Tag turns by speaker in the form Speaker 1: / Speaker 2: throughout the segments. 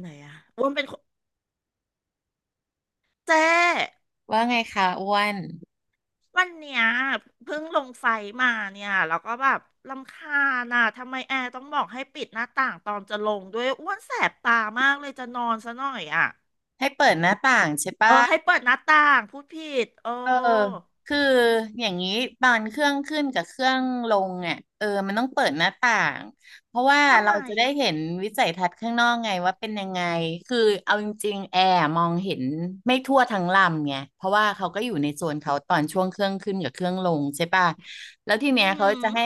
Speaker 1: ไหนอะอ้วนเป็นคนเจ๊
Speaker 2: ว่าไงคะอ้วน
Speaker 1: วันเนี้ยเพิ่งลงไฟมาเนี่ยแล้วก็แบบรำคาญอะทำไมแอร์ต้องบอกให้ปิดหน้าต่างตอนจะลงด้วยอ้วนแสบตามากเลยจะนอนซะหน่อยอะ
Speaker 2: ให้เปิดหน้าต่างใช่
Speaker 1: เอ
Speaker 2: ปะ
Speaker 1: อให้เปิดหน้าต่างพูดผิดเอ
Speaker 2: เออ
Speaker 1: อ
Speaker 2: คืออย่างนี้ตอนเครื่องขึ้นกับเครื่องลงเนี่ยเออมันต้องเปิดหน้าต่างเพราะว่า
Speaker 1: ทำ
Speaker 2: เรา
Speaker 1: ไม
Speaker 2: จะได้เห็นวิสัยทัศน์ข้างนอกไงว่าเป็นยังไงคือเอาจริงๆแอร์มองเห็นไม่ทั่วทั้งลำไงเพราะว่าเขาก็อยู่ในโซนเขาตอนช่วงเครื่องขึ้นกับเครื่องลงใช่ปะแล้วทีเนี้ย
Speaker 1: อื
Speaker 2: เขา
Speaker 1: ม
Speaker 2: จะให้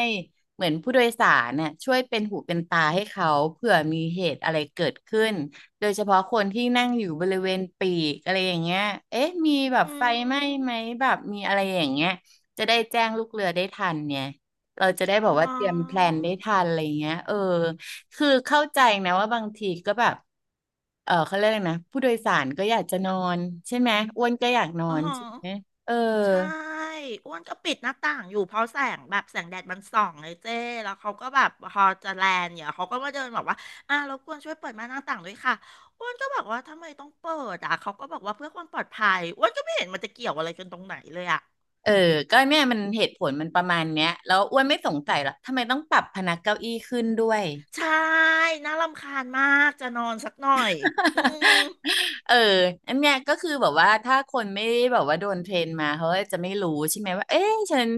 Speaker 2: เหมือนผู้โดยสารเนี่ยช่วยเป็นหูเป็นตาให้เขาเผื่อมีเหตุอะไรเกิดขึ้น โดยเฉพาะคนที่นั่งอยู่บริเวณปีกอะไรอย่างเงี้ยเอ๊ะมีแบ
Speaker 1: อหือ
Speaker 2: บ
Speaker 1: อื
Speaker 2: ไฟไหม้
Speaker 1: ม
Speaker 2: ไหมแบบมีอะไรอย่างเงี้ยจะได้แจ้งลูกเรือได้ทันเนี่ยเราจะได้บ
Speaker 1: อ๋
Speaker 2: อกว่าเตรียมแพล
Speaker 1: อ
Speaker 2: นได้ทันอะไรเงี้ยเออคือเข้าใจนะว่าบางทีก็แบบเขาเรียกอะไรนะผู้โดยสารก็อยากจะนอนใช่ไหมอ้วนก็อยากนอ
Speaker 1: อ๋อ
Speaker 2: นใช่ไหมเออ
Speaker 1: ใช่อ้วนก็ปิดหน้าต่างอยู่เพราะแสงแบบแสงแดดมันส่องเลยเจ้แล้วเขาก็แบบพอจะแลนเนี่ยเขาก็มาเดินบอกว่าอ่ารบกวนช่วยเปิดม่านหน้าต่างด้วยค่ะอ้วนก็บอกว่าทำไมต้องเปิดอ่ะเขาก็บอกว่าเพื่อความปลอดภัยอ้วนก็ไม่เห็นมันจะเกี่ยวอะไรกันตรงไหนเลยอ่ะ
Speaker 2: เออก็เนี่ยมันเหตุผลมันประมาณเนี้ยแล้วอ้วนไม่สงสัยหรอกทำไมต้องปรับพนักเก้าอี้ขึ้นด้วย
Speaker 1: ใช่น่ารำคาญมากจะนอนสักหน่อยอื ม
Speaker 2: เอออันเนี้ยก็คือแบบว่าถ้าคนไม่ได้แบบว่าโดนเทรนมาเขาก็จะไม่รู้ใช่ไหมว่าเอ๊ะฉัน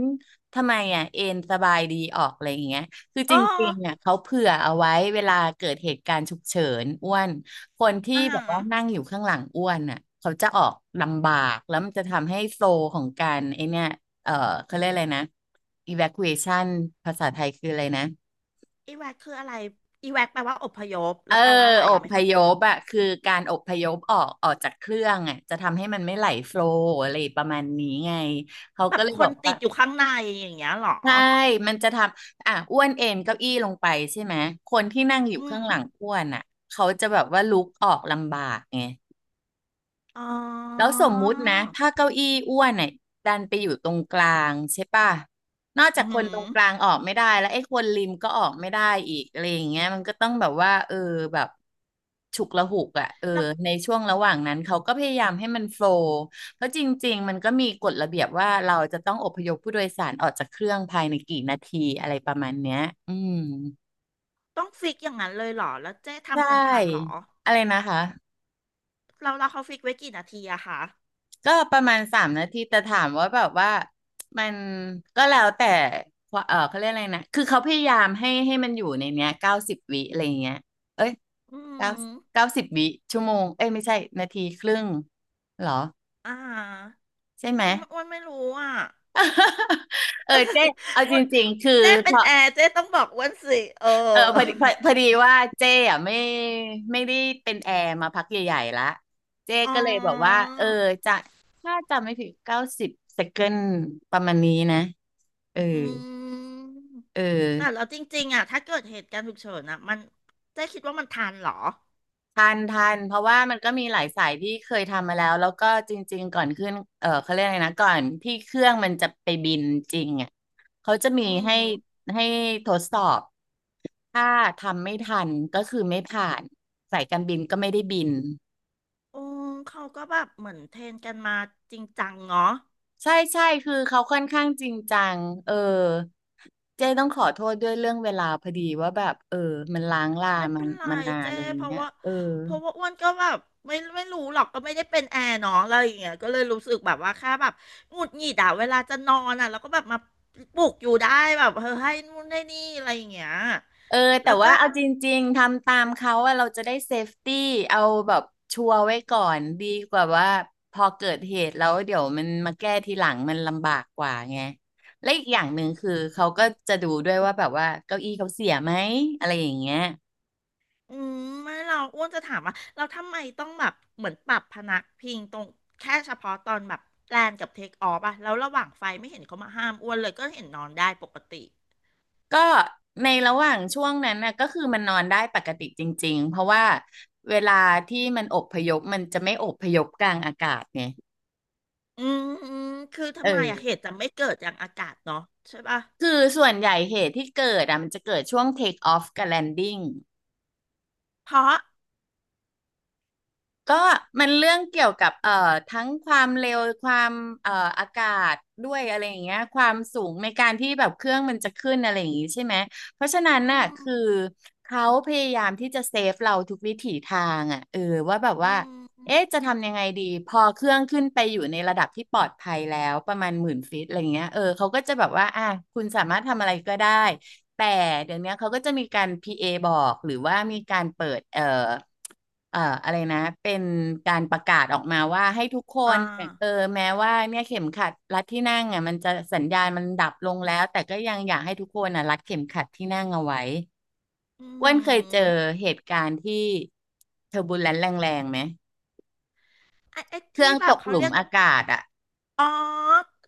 Speaker 2: ทำไมอ่ะเอ็นสบายดีออกอะไรอย่างเงี้ยคือจ
Speaker 1: อ๋อ
Speaker 2: ริงๆอ่ะเขาเผื่อเอาไว้เวลาเกิดเหตุการณ์ฉุกเฉินอ้วนคนที่
Speaker 1: อ่า
Speaker 2: แบบว่านั่งอยู่ข้างหลังอ้วนอ่ะเขาจะออกลำบากแล้วมันจะทำให้โซลของการไอเนี้ยเออเขาเรียกอะไรนะ evacuation ภาษาไทยคืออะไรนะ
Speaker 1: อีแวกคืออะไรอีแวกแปลว่าอพยพ
Speaker 2: เอ
Speaker 1: แล้
Speaker 2: อ
Speaker 1: วแปลว่าอะไร
Speaker 2: อ
Speaker 1: อ่ะไม่
Speaker 2: พ
Speaker 1: เข้าใจ
Speaker 2: ยพอะคือการอพยพออกออกจากเครื่องอะจะทำให้มันไม่ไหลโฟลว์อะไรประมาณนี้ไงเขา
Speaker 1: แบ
Speaker 2: ก็
Speaker 1: บ
Speaker 2: เลย
Speaker 1: ค
Speaker 2: บอ
Speaker 1: น
Speaker 2: ก
Speaker 1: ติ
Speaker 2: ว่า
Speaker 1: ดอยู่ข้างในอย่างเงี้ยเหรอ
Speaker 2: ใช่มันจะทำอ่ะอ้วนเอนเก้าอี้ลงไปใช่ไหมคนที่นั่งอยู่
Speaker 1: อื
Speaker 2: ข้าง
Speaker 1: ม
Speaker 2: หลังอ้วนอะเขาจะแบบว่าลุกออกลำบากไง
Speaker 1: อ๋
Speaker 2: แล้ว
Speaker 1: อ
Speaker 2: สมมุตินะถ้าเก้าอี้อ้วนเนี่ยดันไปอยู่ตรงกลางใช่ป่ะนอกจา
Speaker 1: อื
Speaker 2: ก
Speaker 1: อ
Speaker 2: ค
Speaker 1: หื
Speaker 2: น
Speaker 1: อ
Speaker 2: ตรงกลางออกไม่ได้แล้วไอ้คนริมก็ออกไม่ได้อีกอะไรอย่างเงี้ยมันก็ต้องแบบว่าเออแบบฉุกละหุกอ่ะเออ
Speaker 1: แล้ว
Speaker 2: ในช่วงระหว่างนั้นเขาก็พยายามให้มันโฟลว์เพราะจริงๆมันก็มีกฎระเบียบว่าเราจะต้องอพยพผู้โดยสารออกจากเครื่องภายในกี่นาทีอะไรประมาณเนี้ยอืม
Speaker 1: ต้องฟิกอย่างนั้นเลยเหรอแล้วเจ๊
Speaker 2: ใช
Speaker 1: ทำกันทันเหรอ
Speaker 2: ่อะไรนะคะ
Speaker 1: เราเขาฟิกไว้กี่นาทีอะคะ
Speaker 2: ก็ประมาณ3 นาทีแต่ถามว่าแบบว่ามันก็แล้วแต่ว่าเขาเรียกอะไรนะคือเขาพยายามให้มันอยู่ในเนี้ยเก้าสิบวิอะไรเงี้ยเอ้ย
Speaker 1: อื
Speaker 2: เก้า
Speaker 1: ม
Speaker 2: เก้าสิบวิชั่วโมงเอ้ยไม่ใช่นาทีครึ่งเหรอ
Speaker 1: อ่า
Speaker 2: ใช่ไหม
Speaker 1: อมอ้วนไม่รู้อะ
Speaker 2: เออเจ๊เอาจ
Speaker 1: อ้วน
Speaker 2: ริงๆคือ
Speaker 1: เจ๊
Speaker 2: พ
Speaker 1: เป็น
Speaker 2: อ
Speaker 1: แอร์เจ๊ต้องบอกอ้วนสิเออ
Speaker 2: พอดีพอดีว่าเจ๊อ่ะไม่ไม่ได้เป็นแอร์มาพักใหญ่ๆละเจ๊
Speaker 1: อ๋
Speaker 2: ก็เลยบอกว่า
Speaker 1: อ
Speaker 2: เออจะถ้าจำไม่ผิด90 เซคันด์ประมาณนี้นะเออ
Speaker 1: อืม
Speaker 2: เอ
Speaker 1: แต่
Speaker 2: อ
Speaker 1: เราจริงๆอะถ้าเกิดเหตุการณ์ฉุกเฉินอะมันเจ๊คิดว่ามันทันเหรอ
Speaker 2: ทันทันเพราะว่ามันก็มีหลายสายที่เคยทำมาแล้วแล้วก็จริงๆก่อนขึ้นเขาเรียกอะไรนะก่อนที่เครื่องมันจะไปบินจริงอ่ะเขาจะมี
Speaker 1: อืม
Speaker 2: ให้ให้ทดสอบถ้าทำไม่ทันก็คือไม่ผ่านสายการบินก็ไม่ได้บิน
Speaker 1: อืมเขาก็แบบเหมือนเทรนกันมาจริงจังเนาะ
Speaker 2: ใช่ใช่คือเขาค่อนข้างจริงจังเออเจ๊ต้องขอโทษด้วยเรื่องเวลาพอดีว่าแบบเออมันล้างลา
Speaker 1: ไม่
Speaker 2: มัน
Speaker 1: เป็นไร
Speaker 2: มานาน
Speaker 1: เจ้
Speaker 2: อะไรอย่า
Speaker 1: เพ
Speaker 2: ง
Speaker 1: ราะ
Speaker 2: เงี้ย
Speaker 1: ว่า
Speaker 2: เออ
Speaker 1: เพราะว่าอ้วนก็แบบไม่รู้หรอกก็ไม่ได้เป็นแอร์เนาะอะไรอย่างเงี้ยก็เลยรู้สึกแบบว่าแค่แบบหงุดหงิดอะเวลาจะนอนอะแล้วก็แบบมาปลุกอยู่ได้แบบเออให้นู่นให้นี่อะไรอย่างเงี้ย
Speaker 2: เออแต่
Speaker 1: แล้วก็
Speaker 2: ว่าเอาจริงๆทำตามเขาอะเราจะได้เซฟตี้เอาแบบชัวร์ไว้ก่อนดีกว่าว่าพอเกิดเหตุแล้วเดี๋ยวมันมาแก้ทีหลังมันลำบากกว่าไงและอีกอย่างหนึ่งคือเขาก็จะดูด้วยว่าแบบว่าเก้าอี้เขาเสียไหมอะไรอย่างเงี้ย
Speaker 1: อืมไม่เราอ้วนจะถามว่าเราทำไมต้องแบบเหมือนปรับพนักพิงตรงแค่เฉพาะตอนแบบแลนกับเทคออฟอะแล้วระหว่างไฟไม่เห็นเขามาห้ามอ้วนเลยก็เห็นนอนได้ปกติ
Speaker 2: ก็ในระหว่างช่วงนั้นนะก็คือมันนอนได้ปกติจริงๆเพราะว่าเวลาที่มันอพยพมันจะไม่อพยพกลางอากาศไง
Speaker 1: อืมอืมคือ
Speaker 2: เอ
Speaker 1: ทำ
Speaker 2: อ
Speaker 1: ไมอะเหตุจะไม่เกิดอย่างอากาศเนาะใช่ปะ
Speaker 2: คือส่วนใหญ่เหตุที่เกิดอ่ะมันจะเกิดช่วง take off กับ landing
Speaker 1: เพราะ
Speaker 2: ก็มันเรื่องเกี่ยวกับทั้งความเร็วความเอ่ออากาศด้วยอะไรอย่างเงี้ยความสูงในการที่แบบเครื่องมันจะขึ้นอะไรอย่างงี้ใช่ไหมเพราะฉะนั้น
Speaker 1: อื
Speaker 2: น่ะ
Speaker 1: ม
Speaker 2: คือเขาพยายามที่จะเซฟเราทุกวิถีทางอ่ะเออว่าแบบ
Speaker 1: อื
Speaker 2: ว่า
Speaker 1: ม
Speaker 2: เอ๊ะจะทำยังไงดีพอเครื่องขึ้นไปอยู่ในระดับที่ปลอดภัยแล้วประมาณ10,000 ฟิตอะไรเงี้ยเออเขาก็จะแบบว่าอ่ะคุณสามารถทำอะไรก็ได้ แต่เดี๋ยวนี้เขาก็จะมีการ PA บอกหรือว่ามีการเปิดอะไรนะเป็นการประกาศออกมาว่าให้ทุกค
Speaker 1: อ่
Speaker 2: นเออ
Speaker 1: า
Speaker 2: แม้ว่าเนี่ยเข็มขัดรัดที่นั่งอ่ะมันจะสัญญาณมันดับลงแล้วแต่ก็ยังอยากให้ทุกคนอ่ะรัดเข็มขัดที่นั่งเอาไว้
Speaker 1: อื
Speaker 2: อ้วนเคยเจอ
Speaker 1: ม
Speaker 2: เหตุการณ์ที่เทอร์บูลแลนซ์แรงๆไหม
Speaker 1: ไอ้
Speaker 2: เครื่
Speaker 1: ที่
Speaker 2: อง
Speaker 1: แบ
Speaker 2: ต
Speaker 1: บ
Speaker 2: ก
Speaker 1: เขา
Speaker 2: หลุม
Speaker 1: เรียก
Speaker 2: อากาศอะ
Speaker 1: อ๋อ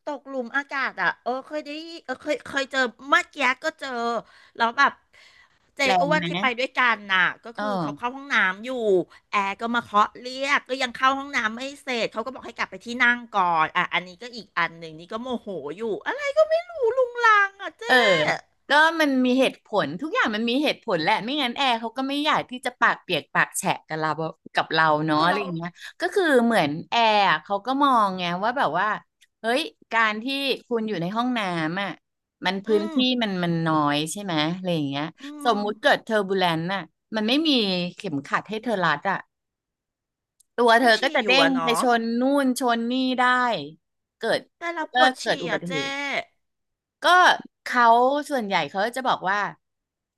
Speaker 1: ตกหลุมอากาศอ่ะเออเคยได้ยินเออเคยเจอเมื่อกี้ก็เจอแล้วแบบเจ
Speaker 2: แรง
Speaker 1: อ้วน
Speaker 2: ไห
Speaker 1: ที่
Speaker 2: ม
Speaker 1: ไปด้วยกันน่ะก็
Speaker 2: เออ
Speaker 1: คือเขาเข้าห้องน้ำอยู่แอร์ก็มาเคาะเรียกก็ยังเข้าห้องน้ำไม่เสร็จเขาก็บอกให้กลับไปที่นั่งก่อนอ่ะอันนี้ก็อีกอันหนึ่งนี่ก็โมโหอยู่อะไรก็ไม่รู้ลุงลังอ่ะ
Speaker 2: เออ
Speaker 1: เจ๊
Speaker 2: ก็มันมีเหตุผลทุกอย่างมันมีเหตุผลแหละไม่งั้นแอร์เขาก็ไม่อยากที่จะปากเปียกปากแฉะกับเรากับเราเนาะ
Speaker 1: เอา
Speaker 2: อะไร
Speaker 1: เรา
Speaker 2: อย่างเงี้ยก็คือเหมือนแอร์อะเขาก็มองไงว่าแบบว่าเฮ้ย การที่คุณอยู่ในห้องน้ำอ่ะมัน
Speaker 1: อื
Speaker 2: พื้น
Speaker 1: ม
Speaker 2: ที่มันน้อยใช่ไหมอะไรอย่างเงี้ย
Speaker 1: อื
Speaker 2: สม
Speaker 1: ม
Speaker 2: มุติเกิดเทอร์บูเลนต์น่ะมันไม่มีเข็มขัดให้เธอรัดอ่ะตัวเธ
Speaker 1: ก็
Speaker 2: อก็
Speaker 1: ฉี่
Speaker 2: จะ
Speaker 1: อ
Speaker 2: เด้
Speaker 1: ยู่
Speaker 2: ง
Speaker 1: อะ
Speaker 2: ไป
Speaker 1: เนาะ
Speaker 2: ชนนู่นชนนี่ได้เกิด
Speaker 1: แต่เราป
Speaker 2: ก็
Speaker 1: วด
Speaker 2: เกิด
Speaker 1: ฉี่
Speaker 2: อุบั
Speaker 1: อ่ะ
Speaker 2: ติเห
Speaker 1: เจ๊
Speaker 2: ตุ ก็เขาส่วนใหญ่เขาจะบอกว่า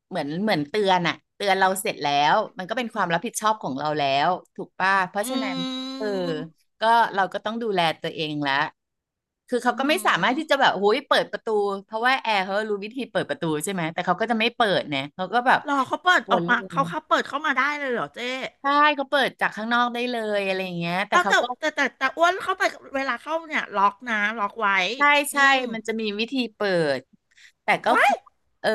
Speaker 2: เหมือนเตือนอะเตือนเราเสร็จแล้วมันก็เป็นความรับผิดชอบของเราแล้วถูกป่ะเพราะ
Speaker 1: อื
Speaker 2: ฉะนั้นเออ
Speaker 1: ม
Speaker 2: ก็เราก็ต้องดูแลตัวเองละคือ
Speaker 1: อื
Speaker 2: เขาก็ไม่สามารถที่จะ
Speaker 1: ม
Speaker 2: แบบโอ้ยเปิดประตูเพราะว่าแอร์เขารู้วิธีเปิดประตูใช่ไหมแต่เขาก็จะไม่เปิดเนี่ยเขาก็แบบ
Speaker 1: รอเขาเปิด
Speaker 2: ว
Speaker 1: ออ
Speaker 2: น
Speaker 1: ก
Speaker 2: เล
Speaker 1: มา
Speaker 2: ย
Speaker 1: เขาเปิดเข้ามาได้เลยเหรอเจ๊
Speaker 2: ใช่เขาเปิดจากข้างนอกได้เลยอะไรอย่างเงี้ยแต่
Speaker 1: เอา
Speaker 2: เขา
Speaker 1: แต่
Speaker 2: ก็
Speaker 1: แต่แต่แต่อ้วนเข้าไปเวลาเข้าเนี่ยล็อกนะล็อกไว้
Speaker 2: ใช่
Speaker 1: อื
Speaker 2: ใช่
Speaker 1: ม
Speaker 2: มันจะมีวิธีเปิดแต่ก็
Speaker 1: ไว้
Speaker 2: ขอเออ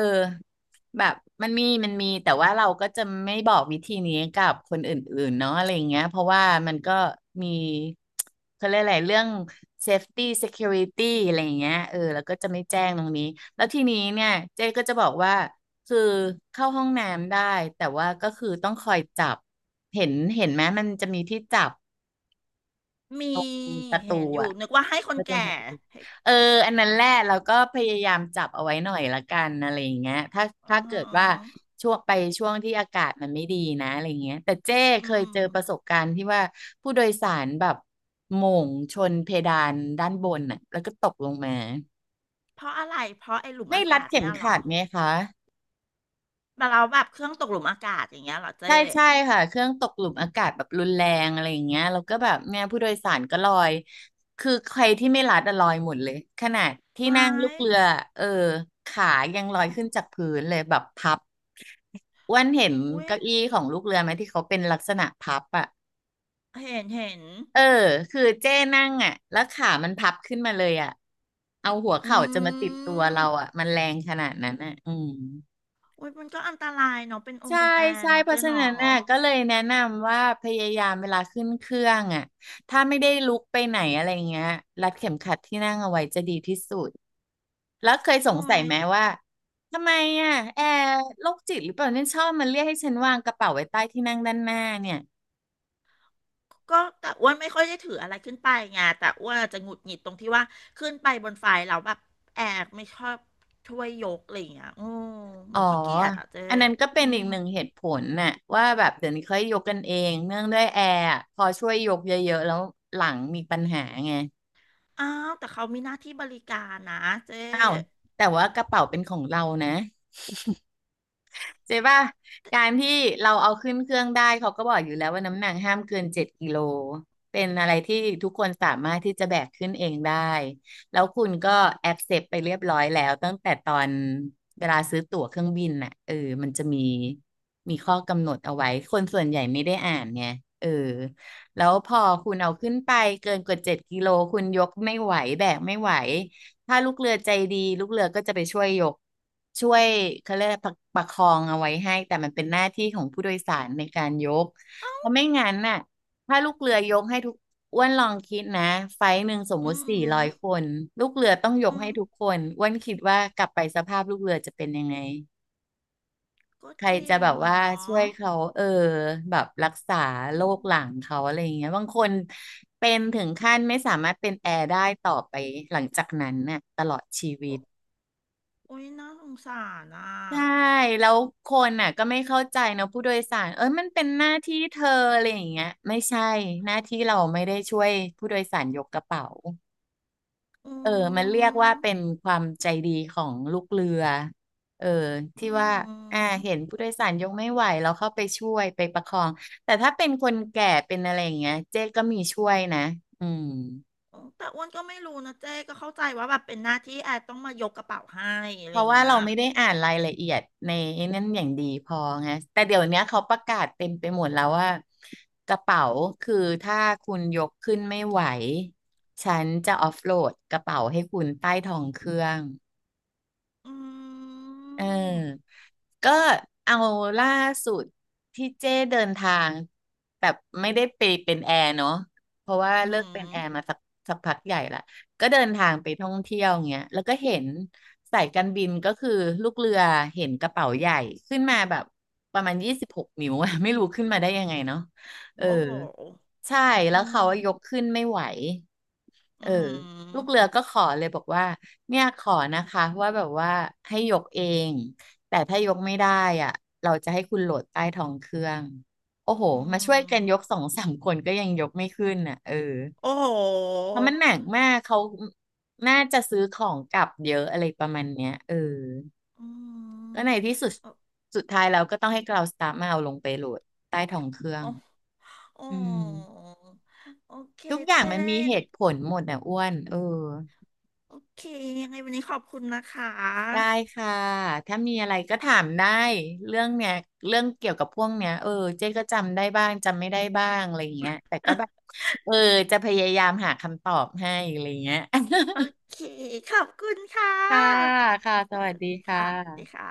Speaker 2: แบบมันมีแต่ว่าเราก็จะไม่บอกวิธีนี้กับคนอื่นๆเนาะอะไรอย่างเงี้ยเพราะว่ามันก็มี เขาเรียกอะไรเรื่อง safety security อะไรอย่างเงี้ยเออแล้วก็จะไม่แจ้งตรงนี้แล้วทีนี้เนี่ยเจ๊ก็จะบอกว่าคือเข้าห้องน้ำได้แต่ว่าก็คือต้องคอยจับเห็นไหมมันจะมีที่จับ
Speaker 1: มี
Speaker 2: ตรงประตู
Speaker 1: เห็นอยู่
Speaker 2: อะ
Speaker 1: นึกว่าให้คน
Speaker 2: แล้จอ
Speaker 1: แก่
Speaker 2: มผัดกุ
Speaker 1: ให้
Speaker 2: เอออันนั้นแหละเราก็พยายามจับเอาไว้หน่อยละกันอะไรอย่างเงี้ยถ้า
Speaker 1: อ๋
Speaker 2: เกิดว่า
Speaker 1: อ
Speaker 2: ช่วงไปช่วงที่อากาศมันไม่ดีนะอะไรเงี้ยแต่เจ้เค
Speaker 1: อื
Speaker 2: ย
Speaker 1: ม
Speaker 2: เจอประสบการณ์ที่ว่าผู้โดยสารแบบโหม่งชนเพดานด้านบนน่ะแล้วก็ตกลงมา
Speaker 1: เพราะอะไรเพราะไอ้หลุม
Speaker 2: ไม่
Speaker 1: อา
Speaker 2: รัด
Speaker 1: กาศ
Speaker 2: เข็ม
Speaker 1: เนี่ยเหร
Speaker 2: ขั
Speaker 1: อ
Speaker 2: ดไหมคะ
Speaker 1: แบบเราแบบเครื่องตกหลุมอากาศอย่างเงี้ยเหรอ
Speaker 2: ใช่
Speaker 1: เจ๊
Speaker 2: ใช่ค่ะเครื่องตกหลุมอากาศแบบรุนแรงอะไรอย่างเงี้ยแล้วก็แบบเนี่ยผู้โดยสารก็ลอยคือใครที่ไม่รัดอะลอยหมดเลยขนาดที่
Speaker 1: ไว้
Speaker 2: นั่งลูกเรือเออขายังลอย
Speaker 1: อ๋อ
Speaker 2: ขึ้นจากพื้นเลยแบบพับอ้วันเห็น
Speaker 1: อุ้ย
Speaker 2: เก้าอี้ของลูกเรือไหมที่เขาเป็นลักษณะพับอ่ะ
Speaker 1: เห็นเห็น
Speaker 2: เออคือเจ้นั่งอ่ะแล้วขามันพับขึ้นมาเลยอ่ะเอาหัว
Speaker 1: อ
Speaker 2: เข่าจะมา
Speaker 1: ื
Speaker 2: ติดตัวเรา
Speaker 1: ม
Speaker 2: อ่ะมันแรงขนาดนั้นอ่ะอืม
Speaker 1: โอ้ยมันก็อันตรายเนาะเป็นอง
Speaker 2: ใช่
Speaker 1: ค์เป็นแอร์
Speaker 2: ใช่
Speaker 1: เนาะ
Speaker 2: เพ
Speaker 1: เจ๊
Speaker 2: ราะฉะ
Speaker 1: หนอ
Speaker 2: นั้นน่ะก็เลยแนะนำว่าพยายามเวลาขึ้นเครื่องอ่ะถ้าไม่ได้ลุกไปไหนอะไรเงี้ยรัดเข็มขัดที่นั่งเอาไว้จะดีที่สุดแล้วเคยส
Speaker 1: โอ้
Speaker 2: งสัย
Speaker 1: ย
Speaker 2: ไหมว่าทำไมอ่ะแอร์โรคจิตหรือเปล่าเนี่ยชอบมันเรียกให้ฉันวางกระเป๋าไว้ใต้ที่นั่งด้านหน้าเนี่ย
Speaker 1: ก็แต่อ้วนไม่ค่อยได้ถืออะไรขึ้นไปไงแต่อ้วนอาจจะหงุดหงิดตรงที่ว่าขึ้นไปบนไฟเราแล้วแบบแอร์ไม่ชอบช่วยยกอะไรอย่างเงี้ยอืมเห
Speaker 2: อ๋
Speaker 1: มื
Speaker 2: อ
Speaker 1: อนขี้เกียจอ่ะเจ๊
Speaker 2: อันนั้นก็เป็น
Speaker 1: อื
Speaker 2: อีก
Speaker 1: ม
Speaker 2: หนึ่งเหตุผลน่ะว่าแบบเดี๋ยวนี้เขาให้ยกกันเองเนื่องด้วยแอร์อะพอช่วยยกเยอะๆแล้วหลังมีปัญหาไง
Speaker 1: อ้าวแต่เขามีหน้าที่บริการนะเจ๊
Speaker 2: อ้าวแต่ว่ากระเป๋าเป็นของเรานะ เจ๊ป่ะการที่เราเอาขึ้นเครื่องได้เขาก็บอกอยู่แล้วว่าน้ำหนักห้ามเกินเจ็ดกิโล เป็นอะไรที่ทุกคนสามารถที่จะแบกขึ้นเองได้แล้วคุณก็แอ c เซปไปเรียบร้อยแล้วตั้งแต่ตอนเวลาซื้อตั๋วเครื่องบินน่ะเออมันจะมีมีข้อกำหนดเอาไว้คนส่วนใหญ่ไม่ได้อ่านไงเออแล้วพอคุณเอาขึ้นไปเกินกว่าเจ็ดกิโลคุณยกไม่ไหวแบกไม่ไหว ถ้าลูกเรือใจดีลูกเรือก็จะไปช่วยยกช่วยเขาเรียกอะไรประคองเอาไว้ให้แต่มันเป็นหน้าที่ของผู้โดยสารในการยกเพ
Speaker 1: อ
Speaker 2: ราะไม่งั้นน่ะถ้าลูกเรือยกให้อ้วนลองคิดนะไฟล์หนึ่งสมมุ
Speaker 1: ื
Speaker 2: ติสี่ร้อย
Speaker 1: ม
Speaker 2: คนลูกเรือต้องยก
Speaker 1: อื
Speaker 2: ให้
Speaker 1: ม
Speaker 2: ทุกคนอ้วนคิดว่ากลับไปสภาพลูกเรือจะเป็นยังไง
Speaker 1: ก็
Speaker 2: ใคร
Speaker 1: จริ
Speaker 2: จะ
Speaker 1: ง
Speaker 2: แบบว่า
Speaker 1: เนา
Speaker 2: ช่
Speaker 1: ะ
Speaker 2: วยเขาเออแบบรักษา
Speaker 1: อื
Speaker 2: โรคหลัง
Speaker 1: ม
Speaker 2: เขาอะไรอย่างเงี้ยบางคนเป็นถึงขั้นไม่สามารถเป็นแอร์ได้ต่อไปหลังจากนั้นน่ะตลอดชีวิต
Speaker 1: โอโอ้ยน่าสงสารอ่ะ
Speaker 2: ใช่แล้วคนน่ะก็ไม่เข้าใจนะผู้โดยสารเอ้ยมันเป็นหน้าที่เธออะไรอย่างเงี้ยไม่ใช่หน้าที่เราไม่ได้ช่วยผู้โดยสารยกกระเป๋า
Speaker 1: อื
Speaker 2: เออมันเรียก
Speaker 1: ม
Speaker 2: ว่าเป็นความใจดีของลูกเรือเออ
Speaker 1: อื
Speaker 2: ที่ว่าเห็น
Speaker 1: ม
Speaker 2: ผู้โดยสารยกไม่ไหวเราเข้าไปช่วยไปประคองแต่ถ้าเป็นคนแก่เป็นอะไรอย่างเงี้ยเจ๊ก็มีช่วยนะอืม
Speaker 1: แต่อ้วนก็ไม่รู้นะเจ๊ก็เข้าใจว่าแบบเป็นหน้าที่แอดต้องมายกกระเป๋าให้อะ
Speaker 2: เพ
Speaker 1: ไรอ
Speaker 2: ราะ
Speaker 1: ย่าง
Speaker 2: ว่า
Speaker 1: เงี้ย
Speaker 2: เราไม่ได้อ่านรายละเอียดในนั้นอย่างดีพอไงแต่เดี๋ยวเนี้ยเขาประกาศเต็มไปหมดแล้วว่ากระเป๋าคือถ้าคุณยกขึ้นไม่ไหวฉันจะออฟโหลดกระเป๋าให้คุณใต้ท้องเครื่อง
Speaker 1: อื
Speaker 2: เอ
Speaker 1: ม
Speaker 2: อก็เอาล่าสุดที่เจ้เดินทางแบบไม่ได้ไปเป็นแอร์เนาะเพราะว่า
Speaker 1: อื
Speaker 2: เลิกเป็นแอร์มา
Speaker 1: ม
Speaker 2: สักพักใหญ่ละ ก็เดินทางไปท่องเที่ยวเงี้ยแล้วก็เห็นสายการบินก็คือลูกเรือเห็นกระเป๋าใหญ่ขึ้นมาแบบประมาณ26นิ้วอะ ไม่รู้ขึ้นมาได้ยังไงเนาะเออ
Speaker 1: โอ้โห
Speaker 2: ใช่
Speaker 1: อื
Speaker 2: แล้วเขาายก
Speaker 1: ม
Speaker 2: ขึ้นไม่ไหว
Speaker 1: อื
Speaker 2: เออลูก
Speaker 1: ม
Speaker 2: เรือก็ขอเลยบอกว่าเนี่ยขอนะคะว่าแบบว่าให้ยกเองแต่ถ้ายกไม่ได้อ่ะเราจะให้คุณโหลดใต้ท้องเครื่องโอ้โห
Speaker 1: อื
Speaker 2: มาช่วยกันยก
Speaker 1: ม
Speaker 2: สองสามคนก็ยังยกไม่ขึ้นอ่ะเออ
Speaker 1: โอ้โห
Speaker 2: เพราะมันหนักมากเขาน่าจะซื้อของกลับเยอะอะไรประมาณเนี้ยเออ
Speaker 1: อืม
Speaker 2: ก็ในที่สุด
Speaker 1: โอ้
Speaker 2: สุดท้ายเราก็ต้องให้กราวสตาฟมาเอาลงไปโหลดใต้ท้องเครื่อง
Speaker 1: โอ้โอ้
Speaker 2: อืม
Speaker 1: โอเค
Speaker 2: ทุกอย่าง
Speaker 1: เจ๊
Speaker 2: มันมีเหตุผลหมดอ่ะอ้วนเออ
Speaker 1: โอเคยังไงวันนี้ขอบคุณนะค
Speaker 2: ได้
Speaker 1: ะ
Speaker 2: ค่ะถ้ามีอะไรก็ถามได้เรื่องเนี้ยเรื่องเกี่ยวกับพวกเนี้ยเออเจ๊ก็จำได้บ้างจำไม่ได้บ้างอะไรอย่างเงี้ยแต่ก็แบบเออจะพยายามหาคำตอบให้อะไรอย่างเงี้ย
Speaker 1: โอเคขอบคุณค่ะ
Speaker 2: ค่ะค่ะ ส
Speaker 1: ส
Speaker 2: วั
Speaker 1: วั
Speaker 2: ส
Speaker 1: ส
Speaker 2: ดี
Speaker 1: ดี
Speaker 2: ค่
Speaker 1: ค่ะสวัสดี
Speaker 2: ะ
Speaker 1: ค่ะ